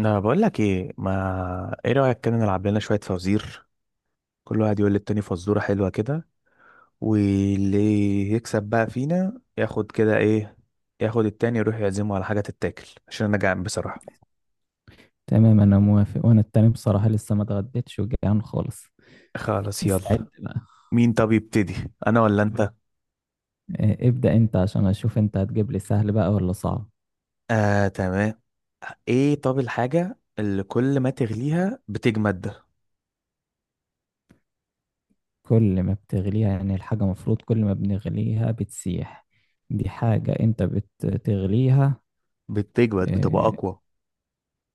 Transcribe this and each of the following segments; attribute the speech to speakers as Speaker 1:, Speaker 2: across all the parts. Speaker 1: انا بقول لك ايه، ما ايه رايك؟ كده نلعب لنا شويه فوازير، كل واحد يقول للتاني فزوره حلوه كده، واللي يكسب بقى فينا ياخد كده ايه. ياخد التاني يروح يعزمه على حاجه تتاكل عشان انا جعان بصراحه.
Speaker 2: تمام، انا موافق، وانا التاني بصراحة لسه ما اتغديتش وجعان خالص.
Speaker 1: خلاص يلا.
Speaker 2: استعد بقى.
Speaker 1: مين طب يبتدي، انا ولا انت؟
Speaker 2: آه، ابدأ انت عشان اشوف انت هتجيب لي سهل بقى ولا صعب.
Speaker 1: اه تمام. ايه، طب الحاجه اللي كل ما تغليها بتجمد؟
Speaker 2: كل ما بتغليها، يعني الحاجة مفروض كل ما بنغليها بتسيح. دي حاجة انت بتغليها.
Speaker 1: بتجمد بتبقى
Speaker 2: آه،
Speaker 1: اقوى.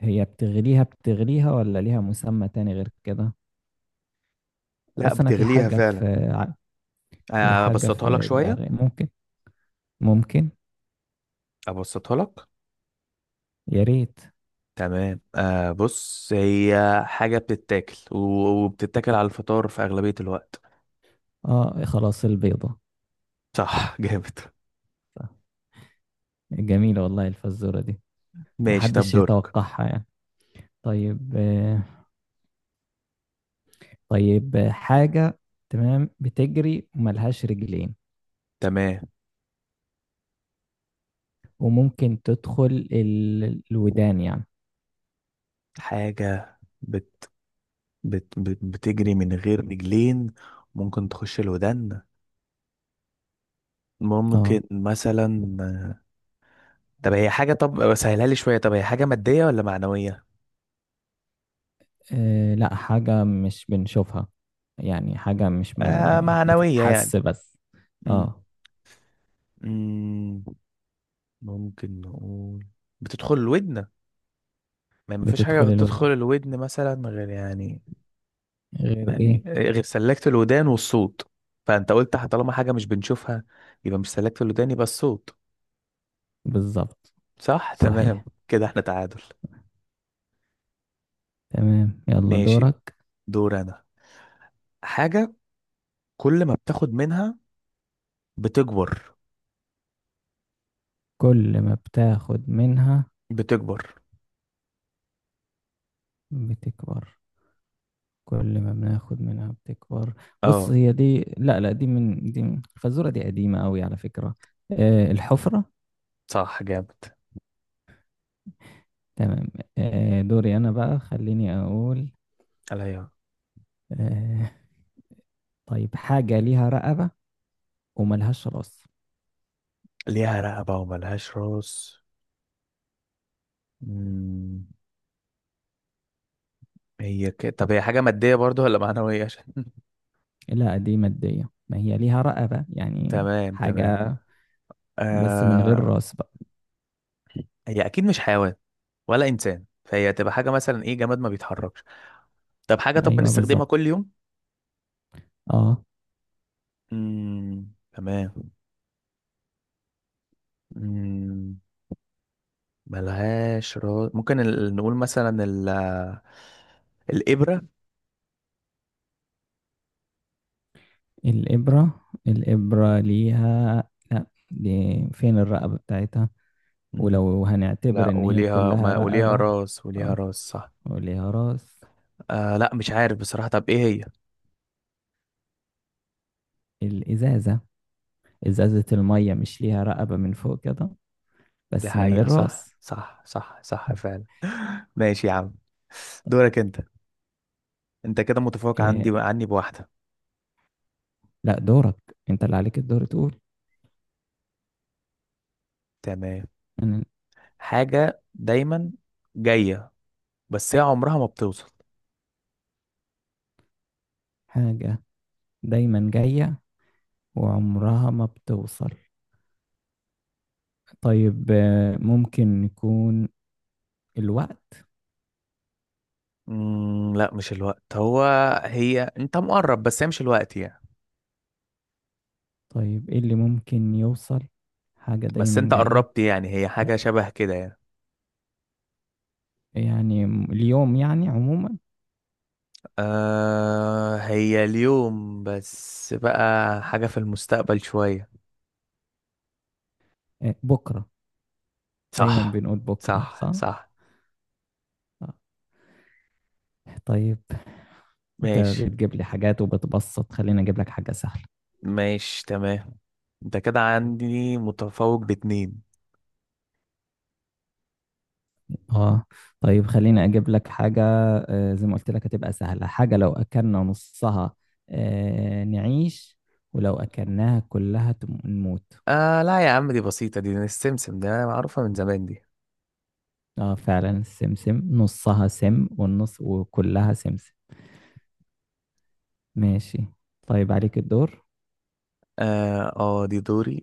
Speaker 2: هي بتغليها بتغليها ولا ليها مسمى تاني غير كده؟
Speaker 1: لا،
Speaker 2: بص، انا
Speaker 1: بتغليها فعلا.
Speaker 2: ع- في
Speaker 1: آه،
Speaker 2: حاجة
Speaker 1: ابسطها لك
Speaker 2: في
Speaker 1: شويه.
Speaker 2: دماغي، ممكن.
Speaker 1: ابسطها لك.
Speaker 2: يا ريت.
Speaker 1: تمام. بص، هي حاجة بتتاكل وبتتاكل على الفطار في أغلبية الوقت.
Speaker 2: اه، خلاص، البيضة.
Speaker 1: صح. جامد.
Speaker 2: جميلة والله الفزورة دي.
Speaker 1: ماشي، طب
Speaker 2: محدش
Speaker 1: دورك.
Speaker 2: يتوقعها يعني. طيب طيب حاجة تمام بتجري وملهاش رجلين،
Speaker 1: تمام.
Speaker 2: وممكن تدخل الودان يعني.
Speaker 1: حاجة بت بت بت بتجري من غير رجلين، ممكن تخش الودان،
Speaker 2: اه،
Speaker 1: ممكن مثلا. طب هي حاجة، طب سهلها لي شوية، طب هي حاجة مادية ولا معنوية؟
Speaker 2: آه، لا، حاجة مش بنشوفها. يعني حاجة مش، ما
Speaker 1: آه،
Speaker 2: يعني،
Speaker 1: معنوية يعني.
Speaker 2: بتتحس بس.
Speaker 1: مم.
Speaker 2: اه.
Speaker 1: مم. ممكن نقول بتدخل الودن. ما فيش حاجة
Speaker 2: بتدخل
Speaker 1: تدخل
Speaker 2: الودان،
Speaker 1: الودن مثلا غير يعني.
Speaker 2: غير ايه؟
Speaker 1: يعني غير سلكت الودان والصوت. فانت قلت طالما حاجه مش بنشوفها، يبقى مش سلكت الودان، يبقى الصوت.
Speaker 2: بالظبط.
Speaker 1: صح. تمام،
Speaker 2: صحيح.
Speaker 1: كده احنا تعادل.
Speaker 2: تمام، يلا
Speaker 1: ماشي.
Speaker 2: دورك.
Speaker 1: دور انا. حاجه كل ما بتاخد منها بتكبر.
Speaker 2: كل ما بتاخد منها
Speaker 1: بتكبر.
Speaker 2: بتكبر. كل ما بناخد منها بتكبر. بص،
Speaker 1: اه،
Speaker 2: هي دي، لا، لا، الخازوره دي قديمه قوي على فكره. آه، الحفره.
Speaker 1: صح جامد.
Speaker 2: تمام. دوري انا بقى، خليني اقول.
Speaker 1: عليا.
Speaker 2: آه طيب، حاجه ليها رقبه وملهاش راس.
Speaker 1: ليها رقبه وملهاش راس. مم، هي كده، طب هي حاجه ماديه برضو ولا معنويه؟ عشان
Speaker 2: لا، دي ماديه، ما هي ليها رقبه يعني.
Speaker 1: تمام تمام.
Speaker 2: حاجه بس من غير
Speaker 1: آه.
Speaker 2: راس بقى.
Speaker 1: هي اكيد مش حيوان ولا انسان، فهي تبقى حاجه مثلا ايه، جماد ما بيتحركش. طب حاجة، طب
Speaker 2: ايوه،
Speaker 1: بنستخدمها
Speaker 2: بالظبط.
Speaker 1: كل يوم.
Speaker 2: اه.
Speaker 1: تمام. امم ملهاش راس. ممكن نقول مثلا الإبرة.
Speaker 2: الابره، الابره ليها، لا، دي، فين الرقبه بتاعتها؟
Speaker 1: مم.
Speaker 2: ولو هنعتبر
Speaker 1: لا،
Speaker 2: إن هي
Speaker 1: وليها
Speaker 2: كلها
Speaker 1: ما وليها
Speaker 2: رقبة.
Speaker 1: راس، وليها
Speaker 2: اه،
Speaker 1: راس صح.
Speaker 2: وليها راس.
Speaker 1: آه لا، مش عارف بصراحة. طب ايه هي؟
Speaker 2: الإزازة. إزازة المية مش ليها رقبة من فوق كده؟
Speaker 1: دي
Speaker 2: بس من
Speaker 1: حقيقة.
Speaker 2: غير
Speaker 1: صح
Speaker 2: راس.
Speaker 1: صح صح صح فعلا. ماشي يا عم. دورك انت. انت كده متفوق عندي
Speaker 2: إيه؟
Speaker 1: عني بواحدة.
Speaker 2: لا، دورك، أنت اللي عليك الدور تقول.
Speaker 1: تمام.
Speaker 2: أنا.
Speaker 1: حاجة دايما جاية بس هي عمرها ما بتوصل.
Speaker 2: حاجة دايما جاية وعمرها ما بتوصل. طيب، ممكن يكون الوقت.
Speaker 1: لا، مش الوقت هو. هي، انت مقرب، بس هي مش الوقت يعني.
Speaker 2: طيب، إيه اللي ممكن يوصل؟ حاجة
Speaker 1: بس
Speaker 2: دايما
Speaker 1: انت
Speaker 2: جاية.
Speaker 1: قربت يعني، هي
Speaker 2: لا،
Speaker 1: حاجة شبه كده يعني.
Speaker 2: يعني اليوم يعني عموما.
Speaker 1: آه، هي اليوم بس بقى حاجة في المستقبل شوية.
Speaker 2: آه، بكرة. دايما
Speaker 1: صح
Speaker 2: بنقول بكرة،
Speaker 1: صح
Speaker 2: صح.
Speaker 1: صح.
Speaker 2: طيب. انت
Speaker 1: ماشي.
Speaker 2: بتجيب لي حاجات وبتبسط، خليني اجيب لك حاجة سهلة.
Speaker 1: ماشي تمام. انت كده عندي متفوق باتنين.
Speaker 2: اه. طيب، خليني اجيب لك حاجة. زي ما قلت لك هتبقى سهلة. حاجة لو اكلنا نصها نعيش، ولو اكلناها كلها نموت.
Speaker 1: آه لا يا عم، دي بسيطة، دي السمسم ده، معروفة من زمان دي.
Speaker 2: اه، فعلا، السمسم، نصها سم والنص، وكلها سمسم. ماشي. طيب، عليك الدور.
Speaker 1: اه. آه، دي دوري.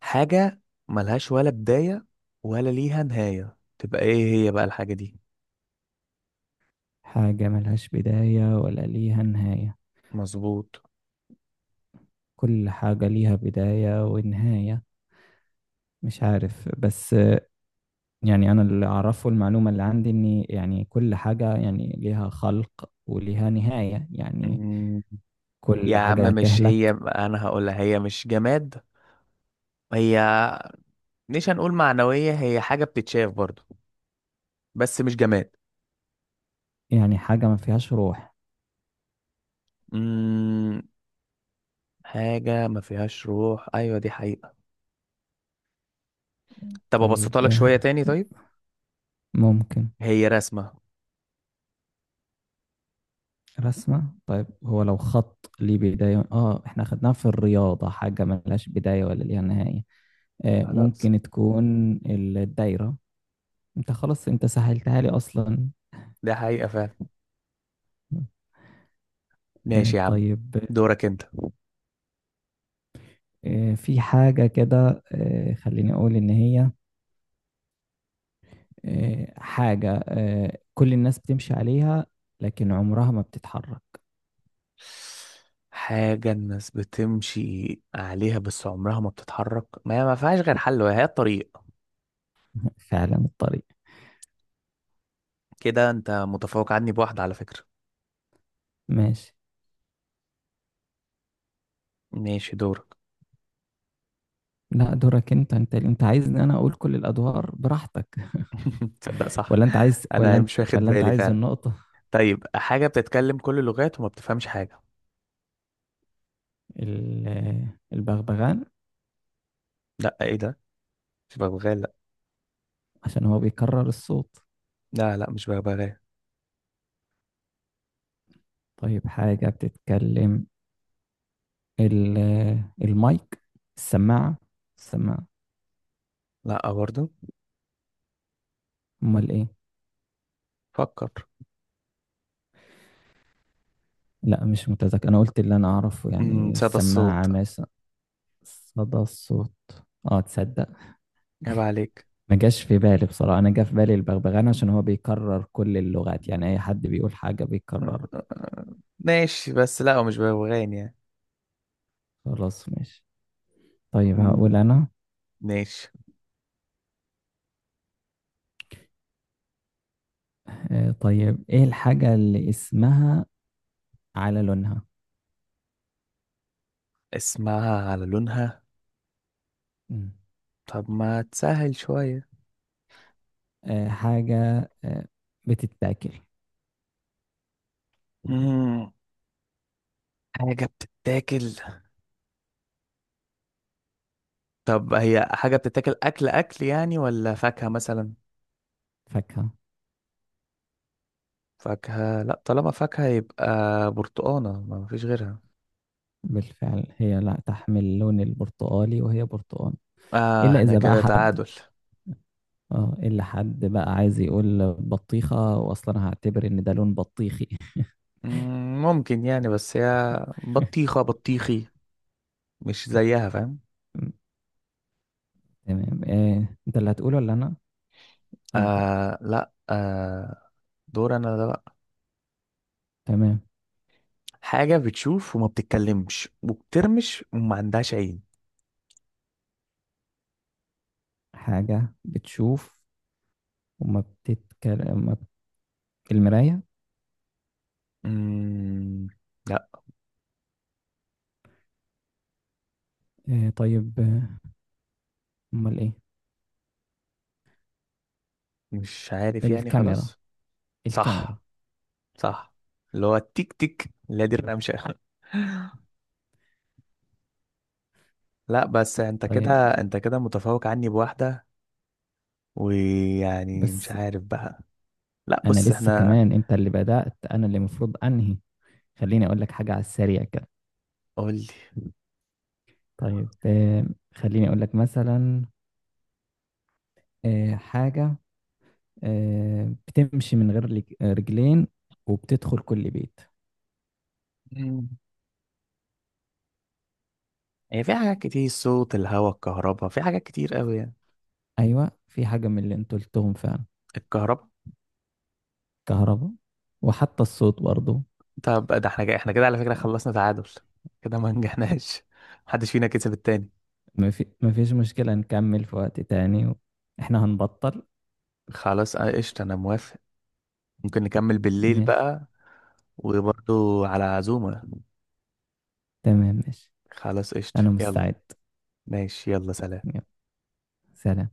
Speaker 1: حاجة ملهاش ولا بداية ولا ليها نهاية، تبقى ايه هي بقى الحاجة دي؟
Speaker 2: حاجة ملهاش بداية ولا ليها نهاية.
Speaker 1: مظبوط.
Speaker 2: كل حاجة ليها بداية ونهاية. مش عارف بس. يعني أنا اللي أعرفه المعلومة اللي عندي، إن يعني كل حاجة يعني ليها خلق وليها نهاية يعني.
Speaker 1: مم.
Speaker 2: كل
Speaker 1: يا عم
Speaker 2: حاجة
Speaker 1: مش هي،
Speaker 2: هتهلك.
Speaker 1: انا هقولها، هي مش جماد. هي مش هنقول معنوية، هي حاجة بتتشاف برضو بس مش جماد.
Speaker 2: يعني حاجة ما فيهاش روح.
Speaker 1: مم. حاجة ما فيهاش روح، ايوه دي حقيقة. طب
Speaker 2: طيب.
Speaker 1: ابسطها لك شوية تاني، طيب.
Speaker 2: ممكن.
Speaker 1: هي رسمة.
Speaker 2: رسمة؟ طيب هو لو خط ليه بداية، إحنا خدناها في الرياضة، حاجة ملهاش بداية ولا ليها نهاية.
Speaker 1: خلاص.
Speaker 2: ممكن تكون الدايرة. أنت، خلاص، أنت سهلتها لي أصلا.
Speaker 1: ده حقيقة فعلا. ماشي يا عم.
Speaker 2: طيب.
Speaker 1: دورك انت.
Speaker 2: في حاجة كده، خليني أقول إن هي حاجة كل الناس بتمشي عليها لكن عمرها ما بتتحرك.
Speaker 1: حاجة الناس بتمشي عليها بس عمرها ما بتتحرك، ما هي ما فيهاش غير حل وهي الطريق.
Speaker 2: فعلا، الطريق.
Speaker 1: كده انت متفوق عني بواحدة على فكرة.
Speaker 2: ماشي.
Speaker 1: ماشي دورك.
Speaker 2: لا، دورك انت، عايزني انا اقول كل الادوار براحتك؟
Speaker 1: تصدق، صح.
Speaker 2: ولا انت عايز،
Speaker 1: انا مش واخد
Speaker 2: ولا انت
Speaker 1: بالي
Speaker 2: عايز
Speaker 1: فعلا.
Speaker 2: النقطة؟
Speaker 1: طيب، حاجة بتتكلم كل اللغات وما بتفهمش حاجة.
Speaker 2: البغبغان،
Speaker 1: لا، ايه ده؟ مش ببغاء لا.
Speaker 2: عشان هو بيكرر الصوت.
Speaker 1: لا لا، مش ببغاء.
Speaker 2: طيب، حاجة بتتكلم، ال- المايك، السماعة، السماعة.
Speaker 1: لا برضه.
Speaker 2: امال ايه؟
Speaker 1: فكر.
Speaker 2: لا، مش متذكر، انا قلت اللي انا اعرفه يعني،
Speaker 1: صدى الصوت.
Speaker 2: السماعة مثلا. صدى الصوت. اه، تصدق.
Speaker 1: عيب عليك.
Speaker 2: ما جاش في بالي بصراحة، أنا جا في بالي البغبغان عشان هو بيكرر كل اللغات، يعني أي حد بيقول حاجة بيكررها.
Speaker 1: ماشي، بس لا هو مش ببغاء يعني.
Speaker 2: خلاص، ماشي. طيب،
Speaker 1: أمم،
Speaker 2: هقول أنا.
Speaker 1: ماشي.
Speaker 2: طيب، إيه الحاجة اللي اسمها على لونها؟
Speaker 1: اسمها على لونها.
Speaker 2: مم.
Speaker 1: طب ما تسهل شوية.
Speaker 2: حاجة بتتاكل.
Speaker 1: مم. حاجة بتتاكل. طب هي حاجة بتتاكل أكل أكل يعني ولا فاكهة مثلا؟
Speaker 2: فاكهة.
Speaker 1: فاكهة. لا، طالما فاكهة يبقى برتقانة، ما فيش غيرها.
Speaker 2: بالفعل، هي لا تحمل اللون البرتقالي وهي برتقال.
Speaker 1: آه،
Speaker 2: إلا
Speaker 1: احنا
Speaker 2: إذا بقى
Speaker 1: كده
Speaker 2: حد.
Speaker 1: تعادل.
Speaker 2: اه، إلا حد بقى عايز يقول بطيخة، وأصلا هعتبر إن ده لون بطيخي.
Speaker 1: مم، ممكن يعني، بس هي بطيخة بطيخي، مش زيها، فاهم؟
Speaker 2: تمام، أنت اللي هتقوله ولا أنا؟ أنت.
Speaker 1: آه لا آه. دور أنا ده بقى.
Speaker 2: تمام.
Speaker 1: حاجة بتشوف وما بتتكلمش وبترمش وما عندهاش عين.
Speaker 2: حاجة بتشوف وما بتتكلم ما بت... المراية.
Speaker 1: مم، لا،
Speaker 2: طيب، أمال إيه؟
Speaker 1: مش عارف يعني،
Speaker 2: الكاميرا،
Speaker 1: خلاص. صح.
Speaker 2: الكاميرا.
Speaker 1: صح. اللي هو التيك تيك اللي هي دي الرمشة. لا، بس انت
Speaker 2: طيب.
Speaker 1: كده. انت كده متفوق عني بواحدة، ويعني مش
Speaker 2: بس
Speaker 1: عارف بقى. لا
Speaker 2: أنا
Speaker 1: بص
Speaker 2: لسه
Speaker 1: احنا.
Speaker 2: كمان، أنت اللي بدأت، أنا اللي المفروض أنهي. خليني أقول لك حاجة على السريع كده.
Speaker 1: قول لي.
Speaker 2: طيب، خليني أقول لك مثلا حاجة بتمشي من غير رجلين، وبتدخل كل بيت.
Speaker 1: مم. هي في حاجات كتير، صوت الهواء، الكهرباء، في حاجات كتير قوي يعني.
Speaker 2: أيوة، في حاجة من اللي أنتوا قلتهم فعلا.
Speaker 1: الكهرباء.
Speaker 2: كهرباء، وحتى الصوت برضو.
Speaker 1: طب ده احنا جاي، احنا كده على فكرة خلصنا تعادل، كده ما نجحناش. محدش فينا كسب التاني.
Speaker 2: ما فيش مشكلة، نكمل في وقت تاني. احنا هنبطل.
Speaker 1: خلاص اه، قشطة، انا موافق. ممكن نكمل بالليل
Speaker 2: ماشي،
Speaker 1: بقى، وبرضو على عزومة.
Speaker 2: تمام، ماشي.
Speaker 1: خلاص قشطة
Speaker 2: أنا
Speaker 1: يلا.
Speaker 2: مستعد.
Speaker 1: ماشي يلا، سلام.
Speaker 2: يلا، سلام.